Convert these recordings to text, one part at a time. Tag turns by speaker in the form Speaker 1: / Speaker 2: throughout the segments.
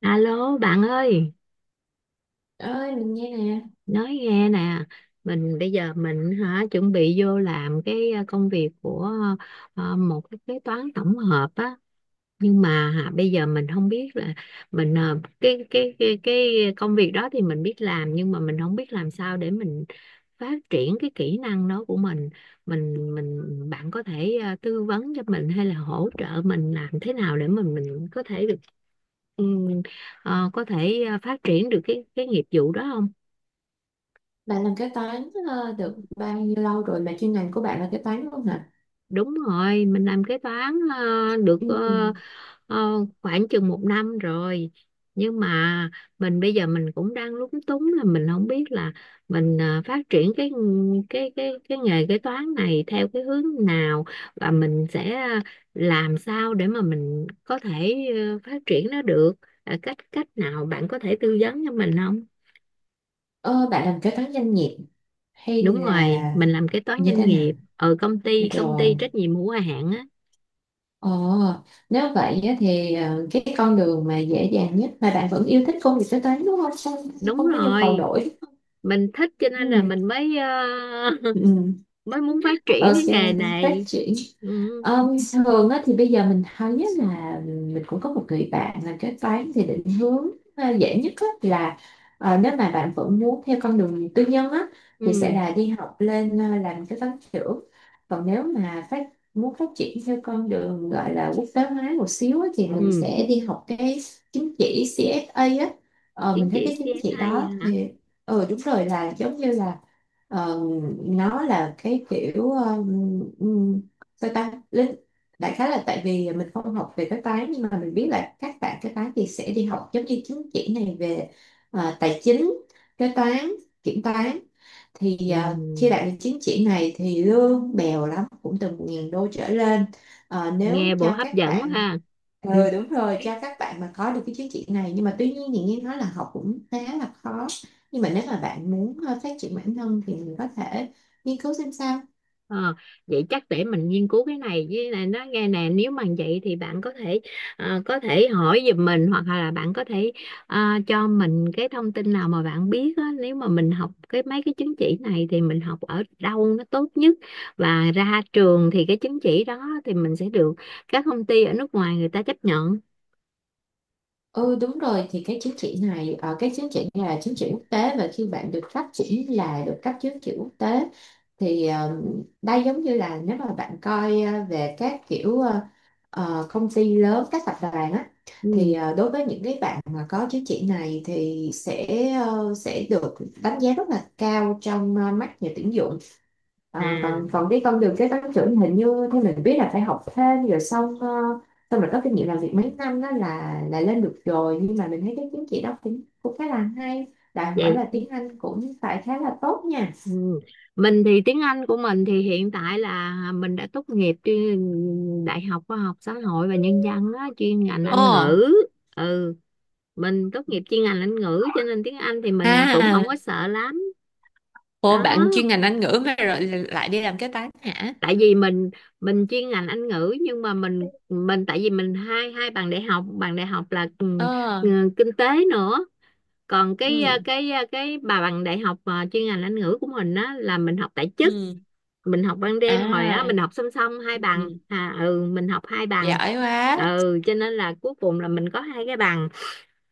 Speaker 1: Alo bạn ơi,
Speaker 2: Ơi mình nghe nè.
Speaker 1: nói nghe nè, mình bây giờ chuẩn bị vô làm công việc của một cái kế toán tổng hợp á, nhưng mà bây giờ mình không biết là mình ờ, cái công việc đó thì mình biết làm, nhưng mà mình không biết làm sao để mình phát triển cái kỹ năng đó của mình. Mình, bạn có thể tư vấn cho mình hay là hỗ trợ mình làm thế nào để mình có thể được ừ, có thể phát triển được cái nghiệp vụ đó không?
Speaker 2: Bạn làm kế toán được bao nhiêu lâu rồi mà chuyên ngành của bạn là kế toán luôn hả?
Speaker 1: Đúng rồi, mình làm kế toán được ờ,
Speaker 2: Ừ.
Speaker 1: ờ, khoảng chừng một năm rồi. Nhưng mà mình bây giờ cũng đang lúng túng, là mình không biết là mình phát triển cái nghề kế toán này theo cái hướng nào, và mình sẽ làm sao để mà mình có thể phát triển nó được. Ờ, cách cách nào bạn có thể tư vấn cho mình không?
Speaker 2: ờ, Bạn làm kế toán doanh nghiệp hay
Speaker 1: Đúng
Speaker 2: là
Speaker 1: rồi, mình làm kế toán
Speaker 2: như
Speaker 1: doanh
Speaker 2: thế nào
Speaker 1: nghiệp ở công ty
Speaker 2: rồi?
Speaker 1: trách nhiệm hữu hạn á.
Speaker 2: ờ, Nếu vậy á thì cái con đường mà dễ dàng nhất mà bạn vẫn yêu thích công việc kế toán đúng không không,
Speaker 1: Đúng
Speaker 2: không có nhu cầu
Speaker 1: rồi.
Speaker 2: đổi
Speaker 1: Mình thích cho
Speaker 2: đúng
Speaker 1: nên là
Speaker 2: không?
Speaker 1: mình mới
Speaker 2: Ừ. Ừ.
Speaker 1: mới muốn phát triển
Speaker 2: Ok,
Speaker 1: cái nghề
Speaker 2: phát
Speaker 1: này.
Speaker 2: triển.
Speaker 1: Ừ.
Speaker 2: Ừm, thường á, thì bây giờ mình thấy á là mình cũng có một người bạn làm kế toán thì định hướng à, dễ nhất á, là nếu mà bạn vẫn muốn theo con đường tư nhân á, thì sẽ
Speaker 1: Ừ.
Speaker 2: là đi học lên à, làm kế toán trưởng. Còn nếu mà muốn phát triển theo con đường gọi là quốc tế hóa một xíu á, thì mình
Speaker 1: Ừ,
Speaker 2: sẽ đi học cái chứng chỉ CFA á. Ờ,
Speaker 1: chứng
Speaker 2: mình thấy
Speaker 1: chỉ
Speaker 2: cái chứng chỉ
Speaker 1: CSA
Speaker 2: đó
Speaker 1: hả.
Speaker 2: thì ừ đúng rồi, là giống như là ờ, nó là cái kiểu sao ta lính, đại khái là tại vì mình không học về cái toán nhưng mà mình biết là các bạn cái toán thì sẽ đi học giống như chứng chỉ này về à, tài chính, kế toán, kiểm toán. Thì
Speaker 1: Ừ.
Speaker 2: à, khi đạt được chứng chỉ này thì lương bèo lắm cũng từ 1.000 đô trở lên. Ờ, nếu
Speaker 1: Nghe bộ
Speaker 2: cho
Speaker 1: hấp
Speaker 2: các
Speaker 1: dẫn quá
Speaker 2: bạn
Speaker 1: ha.
Speaker 2: ừ đúng rồi, cho các bạn mà có được cái chứng chỉ này, nhưng mà tuy nhiên thì nghe nói là học cũng khá là khó. Nhưng mà nếu mà bạn muốn phát triển bản thân thì mình có thể nghiên cứu xem sao.
Speaker 1: Ờ, vậy chắc để mình nghiên cứu cái này. Với này nó nghe nè, nếu mà vậy thì bạn có thể có thể hỏi giùm mình, hoặc là bạn có thể ờ, cho mình cái thông tin nào mà bạn biết á, nếu mà mình học cái mấy cái chứng chỉ này thì mình học ở đâu nó tốt nhất, và ra trường thì cái chứng chỉ đó thì mình sẽ được các công ty ở nước ngoài người ta chấp nhận.
Speaker 2: Ừ đúng rồi, thì cái chứng chỉ này cái chứng chỉ này là chứng chỉ quốc tế, và khi bạn được phát triển là được cấp chứng chỉ quốc tế thì đây giống như là nếu mà bạn coi về các kiểu công ty lớn các tập đoàn á, thì
Speaker 1: Ừ.
Speaker 2: đối với những cái bạn mà có chứng chỉ này thì sẽ sẽ được đánh giá rất là cao trong mắt nhà tuyển dụng. Ờ, còn
Speaker 1: À
Speaker 2: còn cái con đường kế toán trưởng hình như theo mình biết là phải học thêm rồi xong xong rồi có kinh nghiệm làm việc mấy năm đó là lên được rồi. Nhưng mà mình thấy cái chứng chỉ đó cũng cũng khá là hay, đòi hỏi
Speaker 1: vậy.
Speaker 2: là tiếng Anh cũng phải khá là tốt nha.
Speaker 1: Ừ. Mình thì tiếng Anh của mình thì hiện tại là mình đã tốt nghiệp chuyên Đại học Khoa học Xã hội và Nhân dân á, chuyên ngành
Speaker 2: Ồ,
Speaker 1: Anh ngữ. Ừ, mình tốt nghiệp chuyên ngành Anh ngữ cho nên tiếng Anh thì mình cũng
Speaker 2: à,
Speaker 1: không có sợ lắm.
Speaker 2: ồ bạn
Speaker 1: Đó,
Speaker 2: chuyên ngành Anh ngữ mà rồi lại đi làm kế toán hả?
Speaker 1: tại vì mình chuyên ngành Anh ngữ, nhưng mà mình tại vì mình hai hai bằng đại học là
Speaker 2: Ờ,
Speaker 1: kinh tế nữa. Còn
Speaker 2: ừ,
Speaker 1: cái bà bằng đại học chuyên ngành Anh ngữ của mình á là mình học tại chức,
Speaker 2: ừ,
Speaker 1: mình học ban
Speaker 2: à,
Speaker 1: đêm. Hồi á mình học song song hai bằng,
Speaker 2: ừ,
Speaker 1: à ừ mình học hai bằng,
Speaker 2: giỏi quá.
Speaker 1: ừ cho nên là cuối cùng là mình có hai cái bằng.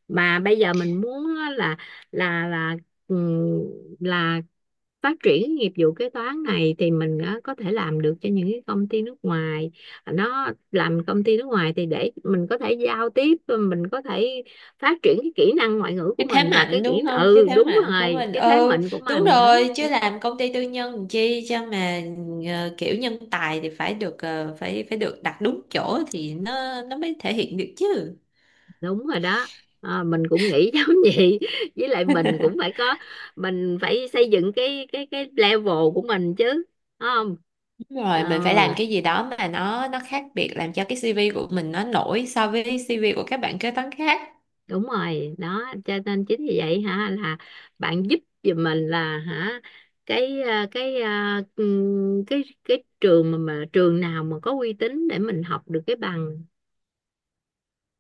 Speaker 1: Mà bây giờ mình muốn á là là là ừm, là phát triển cái nghiệp vụ kế toán này thì mình á, có thể làm được cho những cái công ty nước ngoài. Nó làm công ty nước ngoài thì để mình có thể giao tiếp, mình có thể phát triển cái kỹ năng ngoại ngữ của
Speaker 2: Cái thế
Speaker 1: mình, và
Speaker 2: mạnh
Speaker 1: cái kỹ,
Speaker 2: đúng không, cái
Speaker 1: ừ
Speaker 2: thế
Speaker 1: đúng
Speaker 2: mạnh của
Speaker 1: rồi,
Speaker 2: mình.
Speaker 1: cái thế
Speaker 2: Ừ
Speaker 1: mạnh của
Speaker 2: đúng
Speaker 1: mình đó.
Speaker 2: rồi, chứ làm công ty tư nhân làm chi, cho mà kiểu nhân tài thì phải được ờ, phải phải được đặt đúng chỗ thì nó mới thể hiện được chứ.
Speaker 1: Đúng rồi đó. À, mình cũng nghĩ giống vậy. Với lại mình cũng phải có, mình phải xây dựng cái level của mình chứ. Đúng không?
Speaker 2: Đúng
Speaker 1: Ờ
Speaker 2: rồi, mình phải làm cái gì đó mà nó khác biệt làm cho cái CV của mình nó nổi so với CV của các bạn kế toán khác.
Speaker 1: đúng rồi đó, cho nên chính vì vậy là bạn giúp giùm mình là cái à, cái à, cái cái trường mà trường nào mà có uy tín để mình học được cái bằng,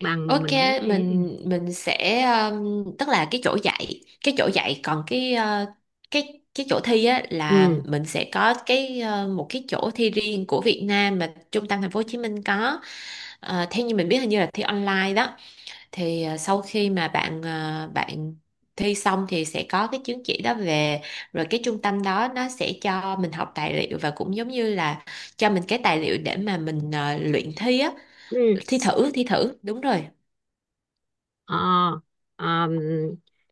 Speaker 1: bằng mà
Speaker 2: Ok,
Speaker 1: mình có thể.
Speaker 2: mình sẽ tức là cái chỗ dạy còn cái chỗ thi á là
Speaker 1: Ừ.
Speaker 2: mình sẽ có cái một cái chỗ thi riêng của Việt Nam mà trung tâm thành phố Hồ Chí Minh có. Ờ, theo như mình biết hình như là thi online đó. Thì sau khi mà bạn bạn thi xong thì sẽ có cái chứng chỉ đó về, rồi cái trung tâm đó nó sẽ cho mình học tài liệu và cũng giống như là cho mình cái tài liệu để mà mình luyện thi á,
Speaker 1: Ừ.
Speaker 2: thi thử, đúng rồi.
Speaker 1: Ờ, ờm,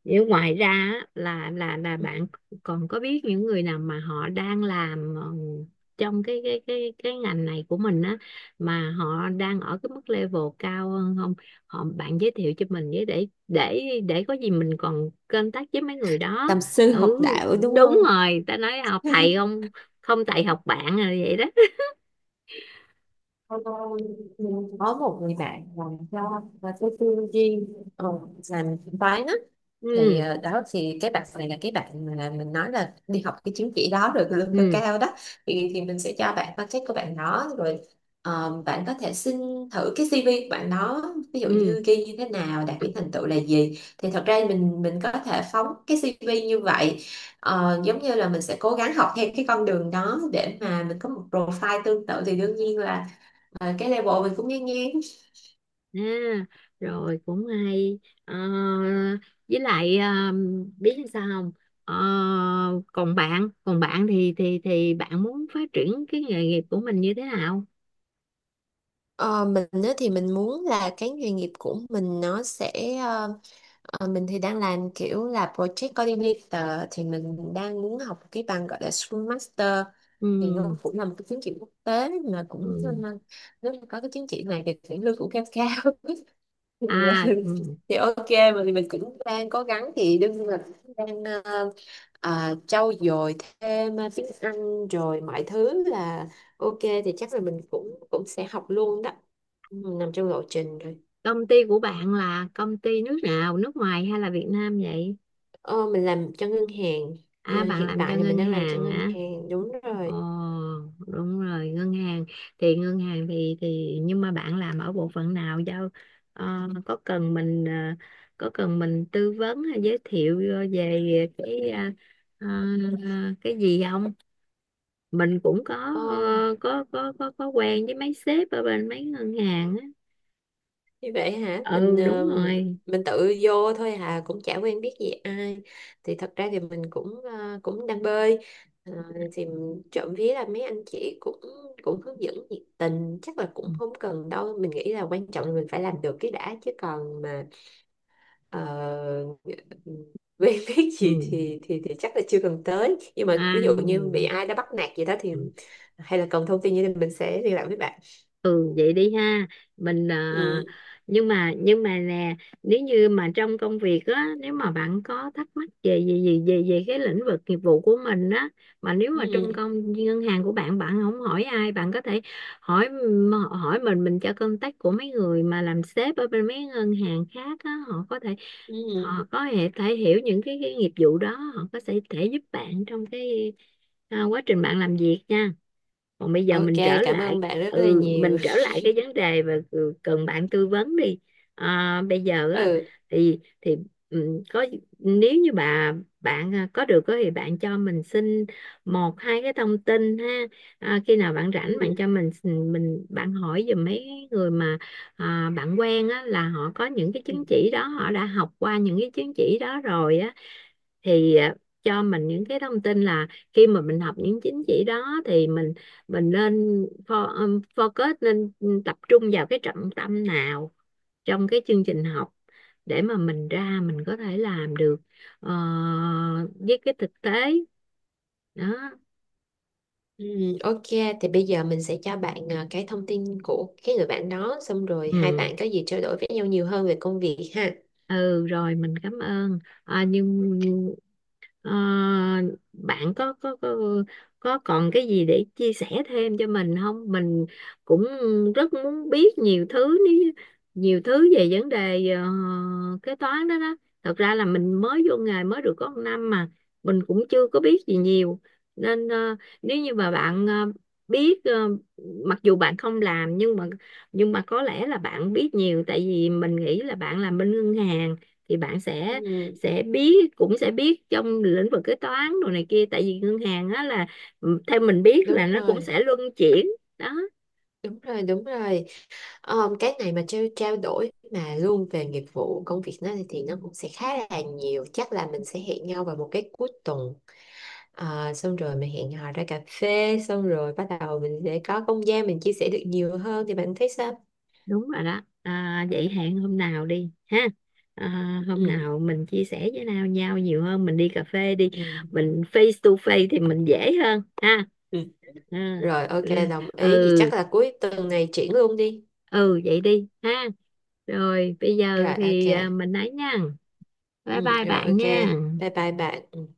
Speaker 1: nếu ngoài ra á, là bạn còn có biết những người nào mà họ đang làm trong cái ngành này của mình á, mà họ đang ở cái mức level cao hơn không? Họ bạn giới thiệu cho mình với, để có gì mình còn contact với mấy người đó.
Speaker 2: Tầm sư học
Speaker 1: Ừ
Speaker 2: đạo đúng
Speaker 1: đúng
Speaker 2: không?
Speaker 1: rồi, ta nói học thầy không, không thầy học bạn, rồi vậy đó.
Speaker 2: Lâu lâu mình có một người bạn làm cho và tôi tư duy ờ, làm toán á, thì
Speaker 1: Ừ.
Speaker 2: ờ, đó thì cái bạn này là cái bạn mà mình nói là đi học cái chứng chỉ đó rồi lương cao
Speaker 1: Ừ.
Speaker 2: cao đó. Thì mình sẽ cho bạn contact của bạn đó rồi bạn có thể xin thử cái CV của bạn đó, ví dụ
Speaker 1: Ừ.
Speaker 2: như ghi như thế nào đạt những thành tựu là gì, thì thật ra mình có thể phóng cái CV như vậy. Ờ, giống như là mình sẽ cố gắng học theo cái con đường đó để mà mình có một profile tương tự thì đương nhiên là cái level mình cũng ngang ngang.
Speaker 1: À, rồi cũng hay. Ờ, với lại biết làm sao không. Ờ, còn bạn thì bạn muốn phát triển cái nghề nghiệp của mình như thế nào.
Speaker 2: Ờ, mình á thì mình muốn là cái nghề nghiệp của mình nó sẽ ờ, mình thì đang làm kiểu là project coordinator, thì mình đang muốn học cái bằng gọi là Scrum Master,
Speaker 1: Ừ,
Speaker 2: thì nó cũng là một cái chứng chỉ quốc tế mà cũng
Speaker 1: ừ.
Speaker 2: nên- nếu mà có cái chứng chỉ này thì sẽ lương cũng cao cao thì,
Speaker 1: À ừ.
Speaker 2: thì ok. Mà thì mình cũng đang cố gắng thì đương nhiên là cũng đang trau dồi thêm tiếng Anh rồi mọi thứ là ok, thì chắc là mình cũng cũng sẽ học luôn đó. Ừ, nằm trong lộ trình rồi.
Speaker 1: Công ty của bạn là công ty nước nào, nước ngoài hay là Việt Nam vậy?
Speaker 2: Ờ, mình làm cho ngân hàng. Ờ,
Speaker 1: À bạn
Speaker 2: hiện
Speaker 1: làm cho
Speaker 2: tại thì mình
Speaker 1: ngân
Speaker 2: đang làm cho
Speaker 1: hàng
Speaker 2: ngân
Speaker 1: hả?
Speaker 2: hàng đúng
Speaker 1: Ồ,
Speaker 2: rồi.
Speaker 1: đúng rồi, ngân hàng. Thì nhưng mà bạn làm ở bộ phận nào đâu? Ờ, có cần mình có cần mình tư vấn hay giới thiệu về cái ờ, ờ, cái gì không? Mình cũng có
Speaker 2: Ờ.
Speaker 1: ờ, có quen với mấy sếp ở bên mấy ngân hàng á.
Speaker 2: Như vậy hả, mình
Speaker 1: Ừ đúng rồi.
Speaker 2: mình tự vô thôi hà, cũng chả quen biết gì ai. Thì thật ra thì mình cũng cũng đang bơi. Ờ, thì trộm vía là mấy anh chị cũng cũng hướng dẫn nhiệt tình, chắc là cũng không cần đâu. Mình nghĩ là quan trọng là mình phải làm được cái đã, chứ còn mà uh, quen biết gì
Speaker 1: Ừ.
Speaker 2: thì chắc là chưa cần tới. Nhưng mà
Speaker 1: À,
Speaker 2: ví dụ như bị ai đã bắt nạt gì đó thì hay là cần thông tin như thế mình sẽ liên lạc với bạn.
Speaker 1: ừ vậy đi ha. mình à,
Speaker 2: Ừ.
Speaker 1: nhưng mà nè, nếu như mà trong công việc á, nếu mà bạn có thắc mắc về về cái lĩnh vực nghiệp vụ của mình á, mà nếu mà trong
Speaker 2: Ừ.
Speaker 1: công ngân hàng của bạn bạn không hỏi ai, bạn có thể hỏi mình. Mình cho contact của mấy người mà làm sếp ở bên mấy ngân hàng khác á, họ có thể, họ
Speaker 2: Ừ.
Speaker 1: có thể, thể hiểu những cái nghiệp vụ đó, họ có thể thể giúp bạn trong cái à, quá trình bạn làm việc nha. Còn bây giờ
Speaker 2: Ok,
Speaker 1: mình trở
Speaker 2: cảm
Speaker 1: lại,
Speaker 2: ơn bạn rất là
Speaker 1: ừ mình
Speaker 2: nhiều.
Speaker 1: trở lại cái vấn đề mà cần bạn tư vấn đi. À, bây giờ á,
Speaker 2: Ừ.
Speaker 1: thì ừ, có, nếu như bạn à, có được á thì bạn cho mình xin một hai cái thông tin ha. À, khi nào bạn rảnh
Speaker 2: Ừ.
Speaker 1: bạn cho mình bạn hỏi giùm mấy người mà à, bạn quen á là họ có những cái chứng chỉ đó, họ đã học qua những cái chứng chỉ đó rồi á, thì à, cho mình những cái thông tin là khi mà mình học những chứng chỉ đó thì mình nên focus, nên tập trung vào cái trọng tâm nào trong cái chương trình học để mà mình ra mình có thể làm được ờ, với cái thực tế đó.
Speaker 2: Ừ, ok, thì bây giờ mình sẽ cho bạn à, cái thông tin của cái người bạn đó, xong rồi hai
Speaker 1: Ừ,
Speaker 2: bạn có gì trao đổi với nhau nhiều hơn về công việc ha.
Speaker 1: ừ rồi mình cảm ơn. À, nhưng ờ, bạn có, có còn cái gì để chia sẻ thêm cho mình không? Mình cũng rất muốn biết nhiều thứ, nhiều thứ về vấn đề kế toán đó đó. Thật ra là mình mới vô nghề mới được có một năm mà, mình cũng chưa có biết gì nhiều. Nên ờ, nếu như mà bạn biết mặc dù bạn không làm, nhưng mà có lẽ là bạn biết nhiều, tại vì mình nghĩ là bạn làm bên ngân hàng thì bạn
Speaker 2: Ừ,
Speaker 1: sẽ biết cũng sẽ biết trong lĩnh vực kế toán đồ này kia, tại vì ngân hàng á là ừ, theo mình biết là
Speaker 2: đúng
Speaker 1: nó cũng
Speaker 2: rồi,
Speaker 1: sẽ luân chuyển đó.
Speaker 2: đúng rồi. Ờ, cái này mà trao trao đổi mà luôn về nghiệp vụ công việc nó thì nó cũng sẽ khá là nhiều. Chắc là mình sẽ hẹn nhau vào một cái cuối tuần. Ờ, xong rồi mình hẹn hò ra cà phê, xong rồi bắt đầu mình sẽ có không gian mình chia sẻ được nhiều hơn, thì bạn thấy sao?
Speaker 1: Đúng rồi đó. À, vậy hẹn hôm nào đi ha. À, hôm
Speaker 2: Ừ.
Speaker 1: nào mình chia sẻ với nhau nhau nhiều hơn, mình đi cà phê đi.
Speaker 2: Ừ.
Speaker 1: Mình face to face thì mình dễ hơn ha.
Speaker 2: Ừ.
Speaker 1: Ừ.
Speaker 2: Rồi ok, đồng ý thì
Speaker 1: Ừ,
Speaker 2: chắc là cuối tuần này triển luôn đi.
Speaker 1: ừ vậy đi ha. Rồi bây giờ
Speaker 2: Rồi ok.
Speaker 1: thì à, mình nói nha, bye
Speaker 2: Ừ.
Speaker 1: bye
Speaker 2: Rồi
Speaker 1: bạn
Speaker 2: ok.
Speaker 1: nha.
Speaker 2: Bye bye bạn.